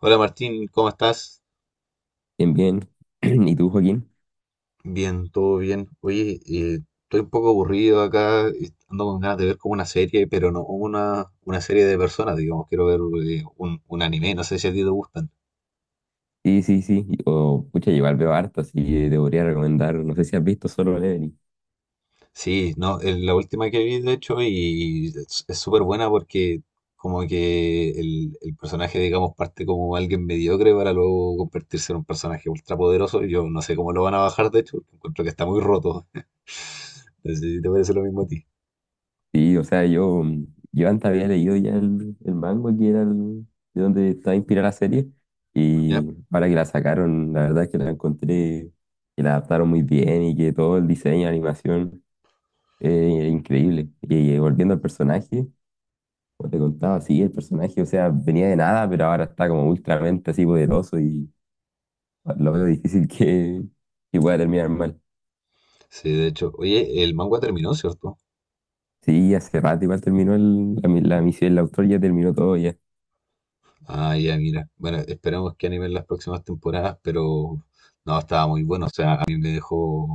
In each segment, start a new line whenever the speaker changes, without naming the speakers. Hola Martín, ¿cómo estás?
Bien, bien. ¿Y tú, Joaquín?
Bien, todo bien. Oye, estoy un poco aburrido acá, y ando con ganas de ver como una serie, pero no una serie de personas, digamos, quiero ver un anime, no sé si a ti te gustan.
Sí, sí, sí. O, pucha, igual veo harto, así que te podría recomendar. No sé si has visto Solo Leveling.
Sí, no, es la última que vi de hecho y es súper buena porque como que el personaje, digamos, parte como alguien mediocre para luego convertirse en un personaje ultrapoderoso. Yo no sé cómo lo van a bajar, de hecho, porque encuentro que está muy roto. No sé si te parece lo mismo a ti.
Sí, o sea, yo, yo antes había leído ya el manga que era de donde está inspirada la serie.
¿Ya?
Y ahora que la sacaron, la verdad es que la encontré, que la adaptaron muy bien y que todo el diseño, la animación, es increíble. Y, volviendo al personaje, como te contaba, sí, el personaje, o sea, venía de nada, pero ahora está como ultramente así poderoso y lo veo difícil que pueda terminar mal.
Sí, de hecho. Oye, el manga terminó, ¿cierto?
Sí, hace rato igual terminó la, la misión, el autor ya terminó todo ya.
Ah, ya, mira. Bueno, esperemos que animen las próximas temporadas, pero no, estaba muy bueno. O sea, a mí me dejó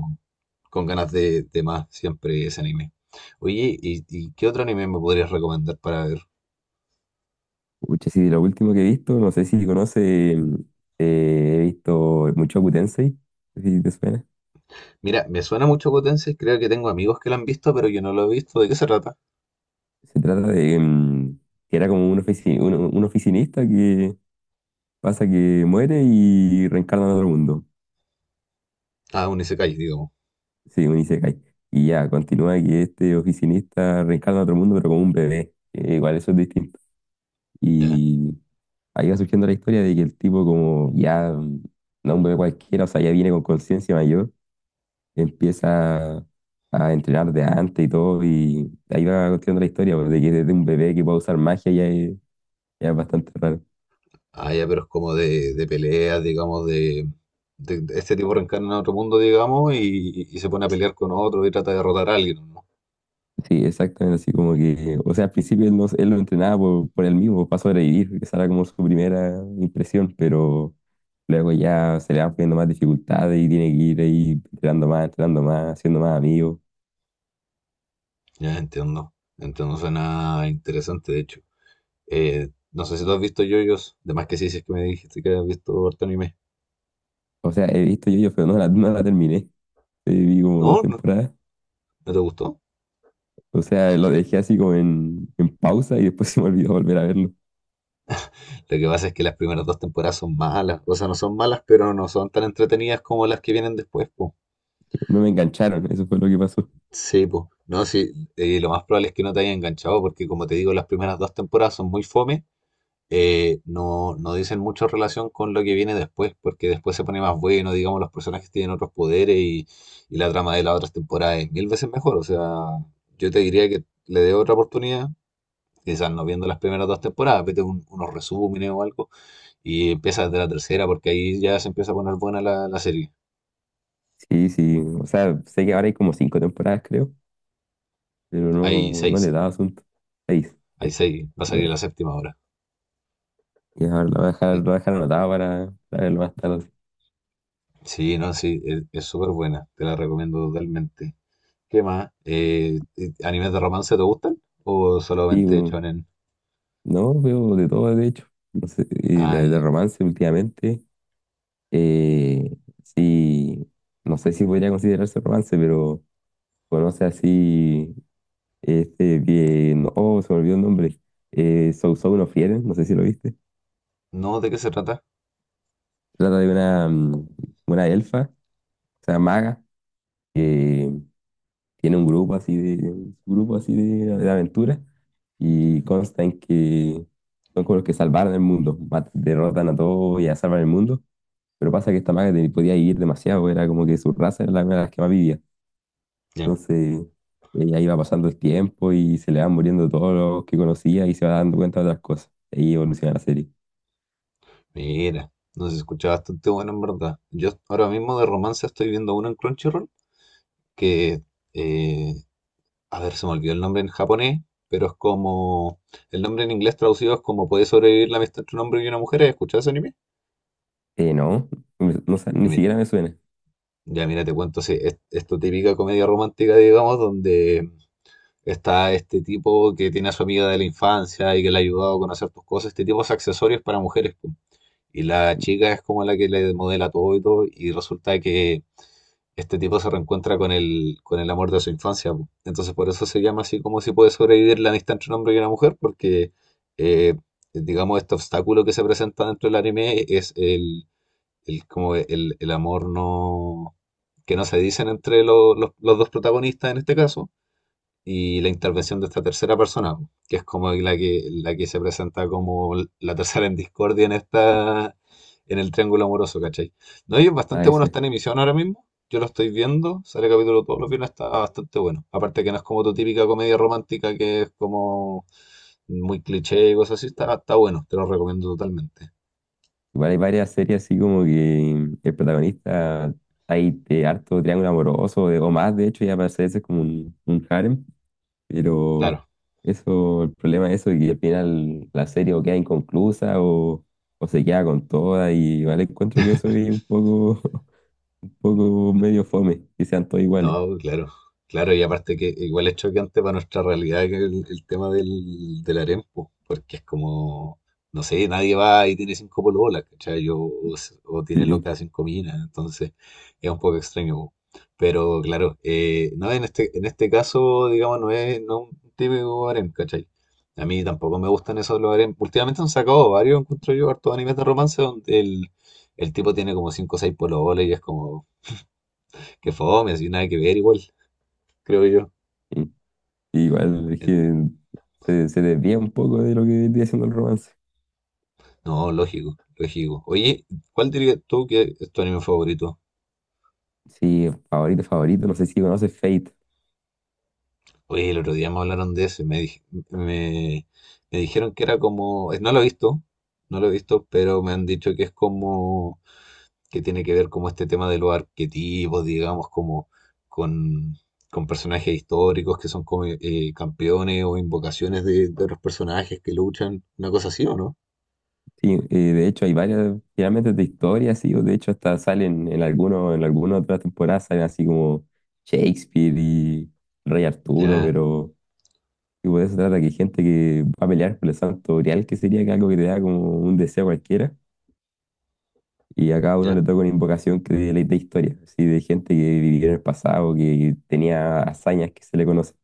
con ganas de más siempre ese anime. Oye, ¿y qué otro anime me podrías recomendar para ver?
Pucha, sí, de lo último que he visto, no sé si conoce, he visto mucho Tensei, no sé si te suena.
Mira, me suena mucho Potencia, creo que tengo amigos que lo han visto, pero yo no lo he visto. ¿De qué se trata?
Se trata de que era como un, un oficinista que pasa que muere y reencarna en otro mundo.
Ah, un isekai, digamos.
Sí, un Isekai. Y ya, continúa que este oficinista reencarna en otro mundo, pero como un bebé. Igual eso es distinto.
Ya.
Ahí va surgiendo la historia de que el tipo como ya, no un bebé cualquiera, o sea, ya viene con conciencia mayor, empieza a entrenar de antes y todo, y ahí va contando la historia, pues, de que desde un bebé que puede usar magia ya es bastante raro.
Ah, ya, pero es como de peleas, digamos, de, de este tipo reencarna en otro mundo, digamos, y se pone a pelear con otro y trata de derrotar a alguien, ¿no?
Sí, exactamente, así como que, o sea, al principio él, no, él lo entrenaba por él mismo, para sobrevivir, que esa era como su primera impresión, pero luego ya se le van poniendo más dificultades y tiene que ir ahí entrenando más, haciendo más amigos.
Ya entiendo. Entiendo, suena interesante, de hecho. No sé si tú has visto yoyos, de más que sí, si es que me dijiste que has visto harto anime.
O sea, he visto yo, pero no la, no la terminé. Vi como
No,
dos
no,
temporadas.
no te gustó.
O sea, lo dejé así como en pausa y después se me olvidó volver a verlo.
Lo que pasa es que las primeras dos temporadas son malas, o sea, no son malas, pero no son tan entretenidas como las que vienen después, po.
No me engancharon, eso fue lo que pasó.
Sí, pues. No, sí, lo más probable es que no te haya enganchado, porque como te digo, las primeras dos temporadas son muy fome. No, no dicen mucho en relación con lo que viene después, porque después se pone más bueno, digamos, los personajes tienen otros poderes y la trama de las otras temporadas es mil veces mejor. O sea, yo te diría que le dé otra oportunidad, quizás no viendo las primeras dos temporadas, vete unos resúmenes o algo y empieza desde la tercera, porque ahí ya se empieza a poner buena la, la serie.
Sí, sí. O sea, sé que ahora hay como cinco temporadas, creo, pero
Hay
no, no le
seis,
daba asunto. Seis.
hay
Ya.
seis, va a salir
Bueno,
la séptima ahora.
y ahora lo voy a dejar, lo
Sí,
voy a dejar anotado para verlo más tarde.
sí, no, sí, es súper buena, te la recomiendo totalmente. ¿Qué más? ¿Animes de romance te gustan? ¿O
Sí,
solamente
pues,
shonen?
no, veo de todo, de hecho. No sé, y
Ah,
de
ya.
romance últimamente. Eh, sí, no sé si podría considerarse romance, pero conoce así. Este, bien, oh, se me olvidó el nombre. Sou Sou no Fieren, no sé si lo viste.
No, ¿de qué se trata?
Trata de una, una elfa, o sea, maga, que tiene un grupo así de, un grupo así de aventura y consta en que son como los que salvaron el mundo, derrotan a todos y ya salvan el mundo. Pero pasa que esta maga podía vivir demasiado, era como que su raza era la una de las que más vivía.
Ya.
Entonces, ella iba pasando el tiempo y se le van muriendo todos los que conocía y se va dando cuenta de otras cosas. Ahí evoluciona la serie.
Mira, nos escucha bastante bueno en verdad. Yo ahora mismo de romance estoy viendo uno en Crunchyroll que, eh, a ver, se me olvidó el nombre en japonés, pero es como, el nombre en inglés traducido es como ¿Puede sobrevivir la amistad entre un hombre y una mujer? ¿Has escuchado ese anime?
Eh, no, no, sé,
Ya
ni
mira,
siquiera me suena
ya mira, te cuento, sí, es tu típica comedia romántica, digamos, donde está este tipo que tiene a su amiga de la infancia y que le ha ayudado a conocer tus cosas. Este tipo es accesorios para mujeres, po. Y la chica es como la que le modela todo y todo. Y resulta que este tipo se reencuentra con el amor de su infancia, po. Entonces por eso se llama así como si puede sobrevivir la amistad entre un hombre y una mujer. Porque, eh, digamos, este obstáculo que se presenta dentro del anime es el, como el amor no, que no se dicen entre los dos protagonistas en este caso y la intervención de esta tercera persona, que es como la que se presenta como la tercera en discordia en esta, en el triángulo amoroso, ¿cachai? No, y es bastante
a
bueno,
eso. Es.
está en emisión ahora mismo. Yo lo estoy viendo, sale capítulo todos los viernes, está bastante bueno. Aparte que no es como tu típica comedia romántica que es como muy cliché y cosas así, está, está bueno, te lo recomiendo totalmente.
Igual hay varias series así como que el protagonista hay de harto triángulo amoroso o más, de hecho, ya parece ese es como un harem, pero
Claro,
eso, el problema de eso es que al final la serie o queda inconclusa o se queda con toda y igual encuentro que eso es un poco, un poco
no.
medio fome, que sean todos iguales.
No, pues, claro, claro, y aparte que igual es choqueante para nuestra realidad que el tema del, del harem, po, porque es como, no sé, nadie va y tiene cinco pololas, ¿cachai? O, o
Sí,
tiene loca cinco minas, entonces es un poco extraño, po. Pero claro, no, en este caso, digamos, no es, no es un típico harem, ¿cachai? A mí tampoco me gustan esos los harem. Últimamente han sacado varios, encuentro yo, hartos animes de romance donde el tipo tiene como cinco o seis pololas y es como que fome, así nada que ver igual creo yo.
sí. Igual es
Eh,
que se desvía un poco de lo que viene siendo el romance.
No, lógico, lógico. Oye, ¿cuál dirías tú que es tu anime favorito?
Sí, favorito, favorito. No sé si conoces Fate.
Oye, el otro día me hablaron de ese, me, me, me dijeron que era como, no lo he visto, no lo he visto, pero me han dicho que es como, que tiene que ver como este tema de los arquetipos, digamos, como con, con personajes históricos que son como campeones o invocaciones de otros personajes que luchan, una cosa así, ¿o no?
Sí, de hecho hay varias, finalmente de historias, sí, o de hecho hasta salen en alguno, en alguna otra temporada salen así como Shakespeare y Rey Arturo,
Ya,
pero tipo, de eso trata que hay gente que va a pelear por el santo grial, que sería que algo que te da como un deseo cualquiera, y a cada uno
ya.
le toca una invocación que de historia, así de gente que vivió en el pasado, que tenía hazañas que se le conocen.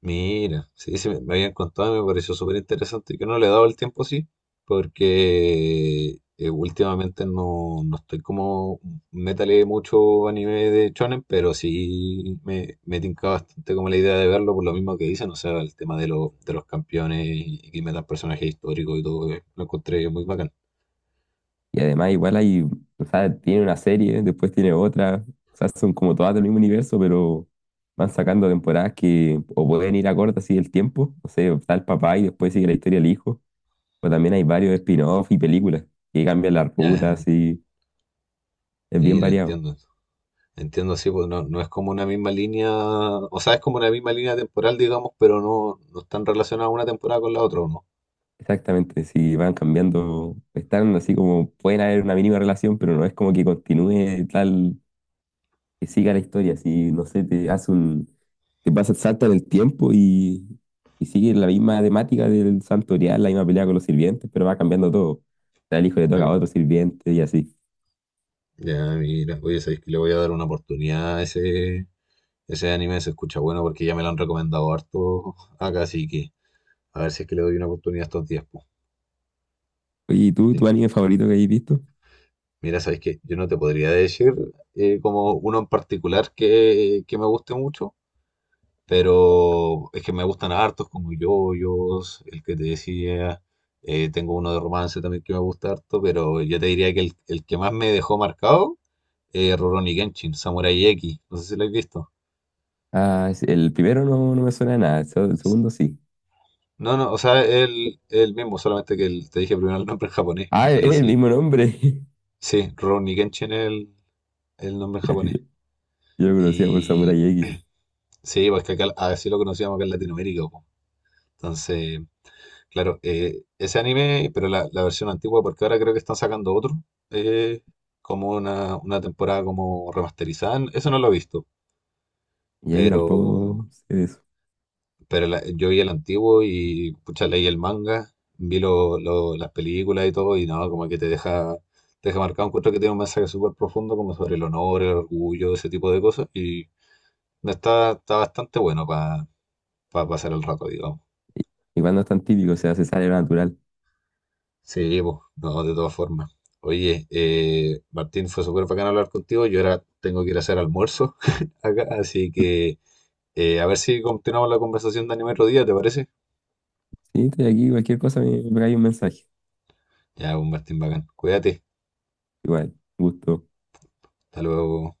Mira, sí, sí, me habían contado y me pareció súper interesante. Yo no le he dado el tiempo así, porque últimamente no, no estoy como, métale mucho anime de shonen, pero sí me tinca bastante como la idea de verlo por lo mismo que dicen, o sea, el tema de, de los campeones y que metan personajes históricos y todo, lo encontré muy bacán.
Y además igual hay, o sea, tiene una serie, después tiene otra, o sea, son como todas del mismo universo, pero van sacando temporadas que o pueden ir acorde así el tiempo, no sé, está el papá y después sigue la historia del hijo, o también hay varios spin-off y películas que cambian las
Ya,
rutas y es bien
mira,
variado.
entiendo. Entiendo, sí, pues no, no es como una misma línea, o sea, es como una misma línea temporal, digamos, pero no, no están relacionadas una temporada con la otra, ¿o no?
Exactamente, si van cambiando, están así como, pueden haber una mínima relación, pero no es como que continúe tal, que siga la historia, si no sé, te hace un, te pasa el salto en el tiempo y sigue la misma temática del santorial, la misma pelea con los sirvientes, pero va cambiando todo. O sea, el hijo le toca a
Claro,
otro sirviente y así.
ya mira, oye, sabéis que le voy a dar una oportunidad a ese, ese anime, se escucha bueno porque ya me lo han recomendado harto acá, así que a ver si es que le doy una oportunidad estos días, po.
Oye, ¿y tú,
Sí.
tu anime favorito que hayas visto?
Mira, sabéis que yo no te podría decir como uno en particular que me guste mucho, pero es que me gustan hartos como Yoyos, el que te decía, tengo uno de romance también que me gusta harto, pero yo te diría que el que más me dejó marcado es Rurouni Kenshin, Samurai X, no sé si lo habéis visto.
Ah, el primero no, no me suena a nada, el segundo sí.
No, no, o sea, él mismo, solamente que te dije primero el nombre en japonés.
Ah, es el
Sí,
mismo nombre.
sí, Rurouni Kenshin es el nombre en
Ya, ya,
japonés.
yo lo conocía por
Y
Samurai X.
sí, pues que acá así lo conocíamos acá en Latinoamérica, po. Entonces, claro, ese anime, pero la versión antigua, porque ahora creo que están sacando otro, eh, como una temporada como remasterizada. Eso no lo he visto,
Y ahí tampoco
pero
sé de eso.
Pero yo vi el antiguo y pucha, leí el manga, vi las películas y todo, y no, como que te deja marcado. Encuentro que tiene un mensaje súper profundo, como sobre el honor, el orgullo, ese tipo de cosas, y está, está bastante bueno para pasar el rato, digamos.
Igual no es tan típico, o sea, se sale lo natural.
Sí, pues, no, de todas formas. Oye, Martín, fue súper bacán hablar contigo. Yo ahora tengo que ir a hacer almuerzo acá, así que a ver si continuamos la conversación de anime otro día, ¿te parece?
Sí, estoy aquí, cualquier cosa me, me cae un mensaje.
Ya, pues, Martín, bacán. Cuídate.
Igual, gusto.
Hasta luego.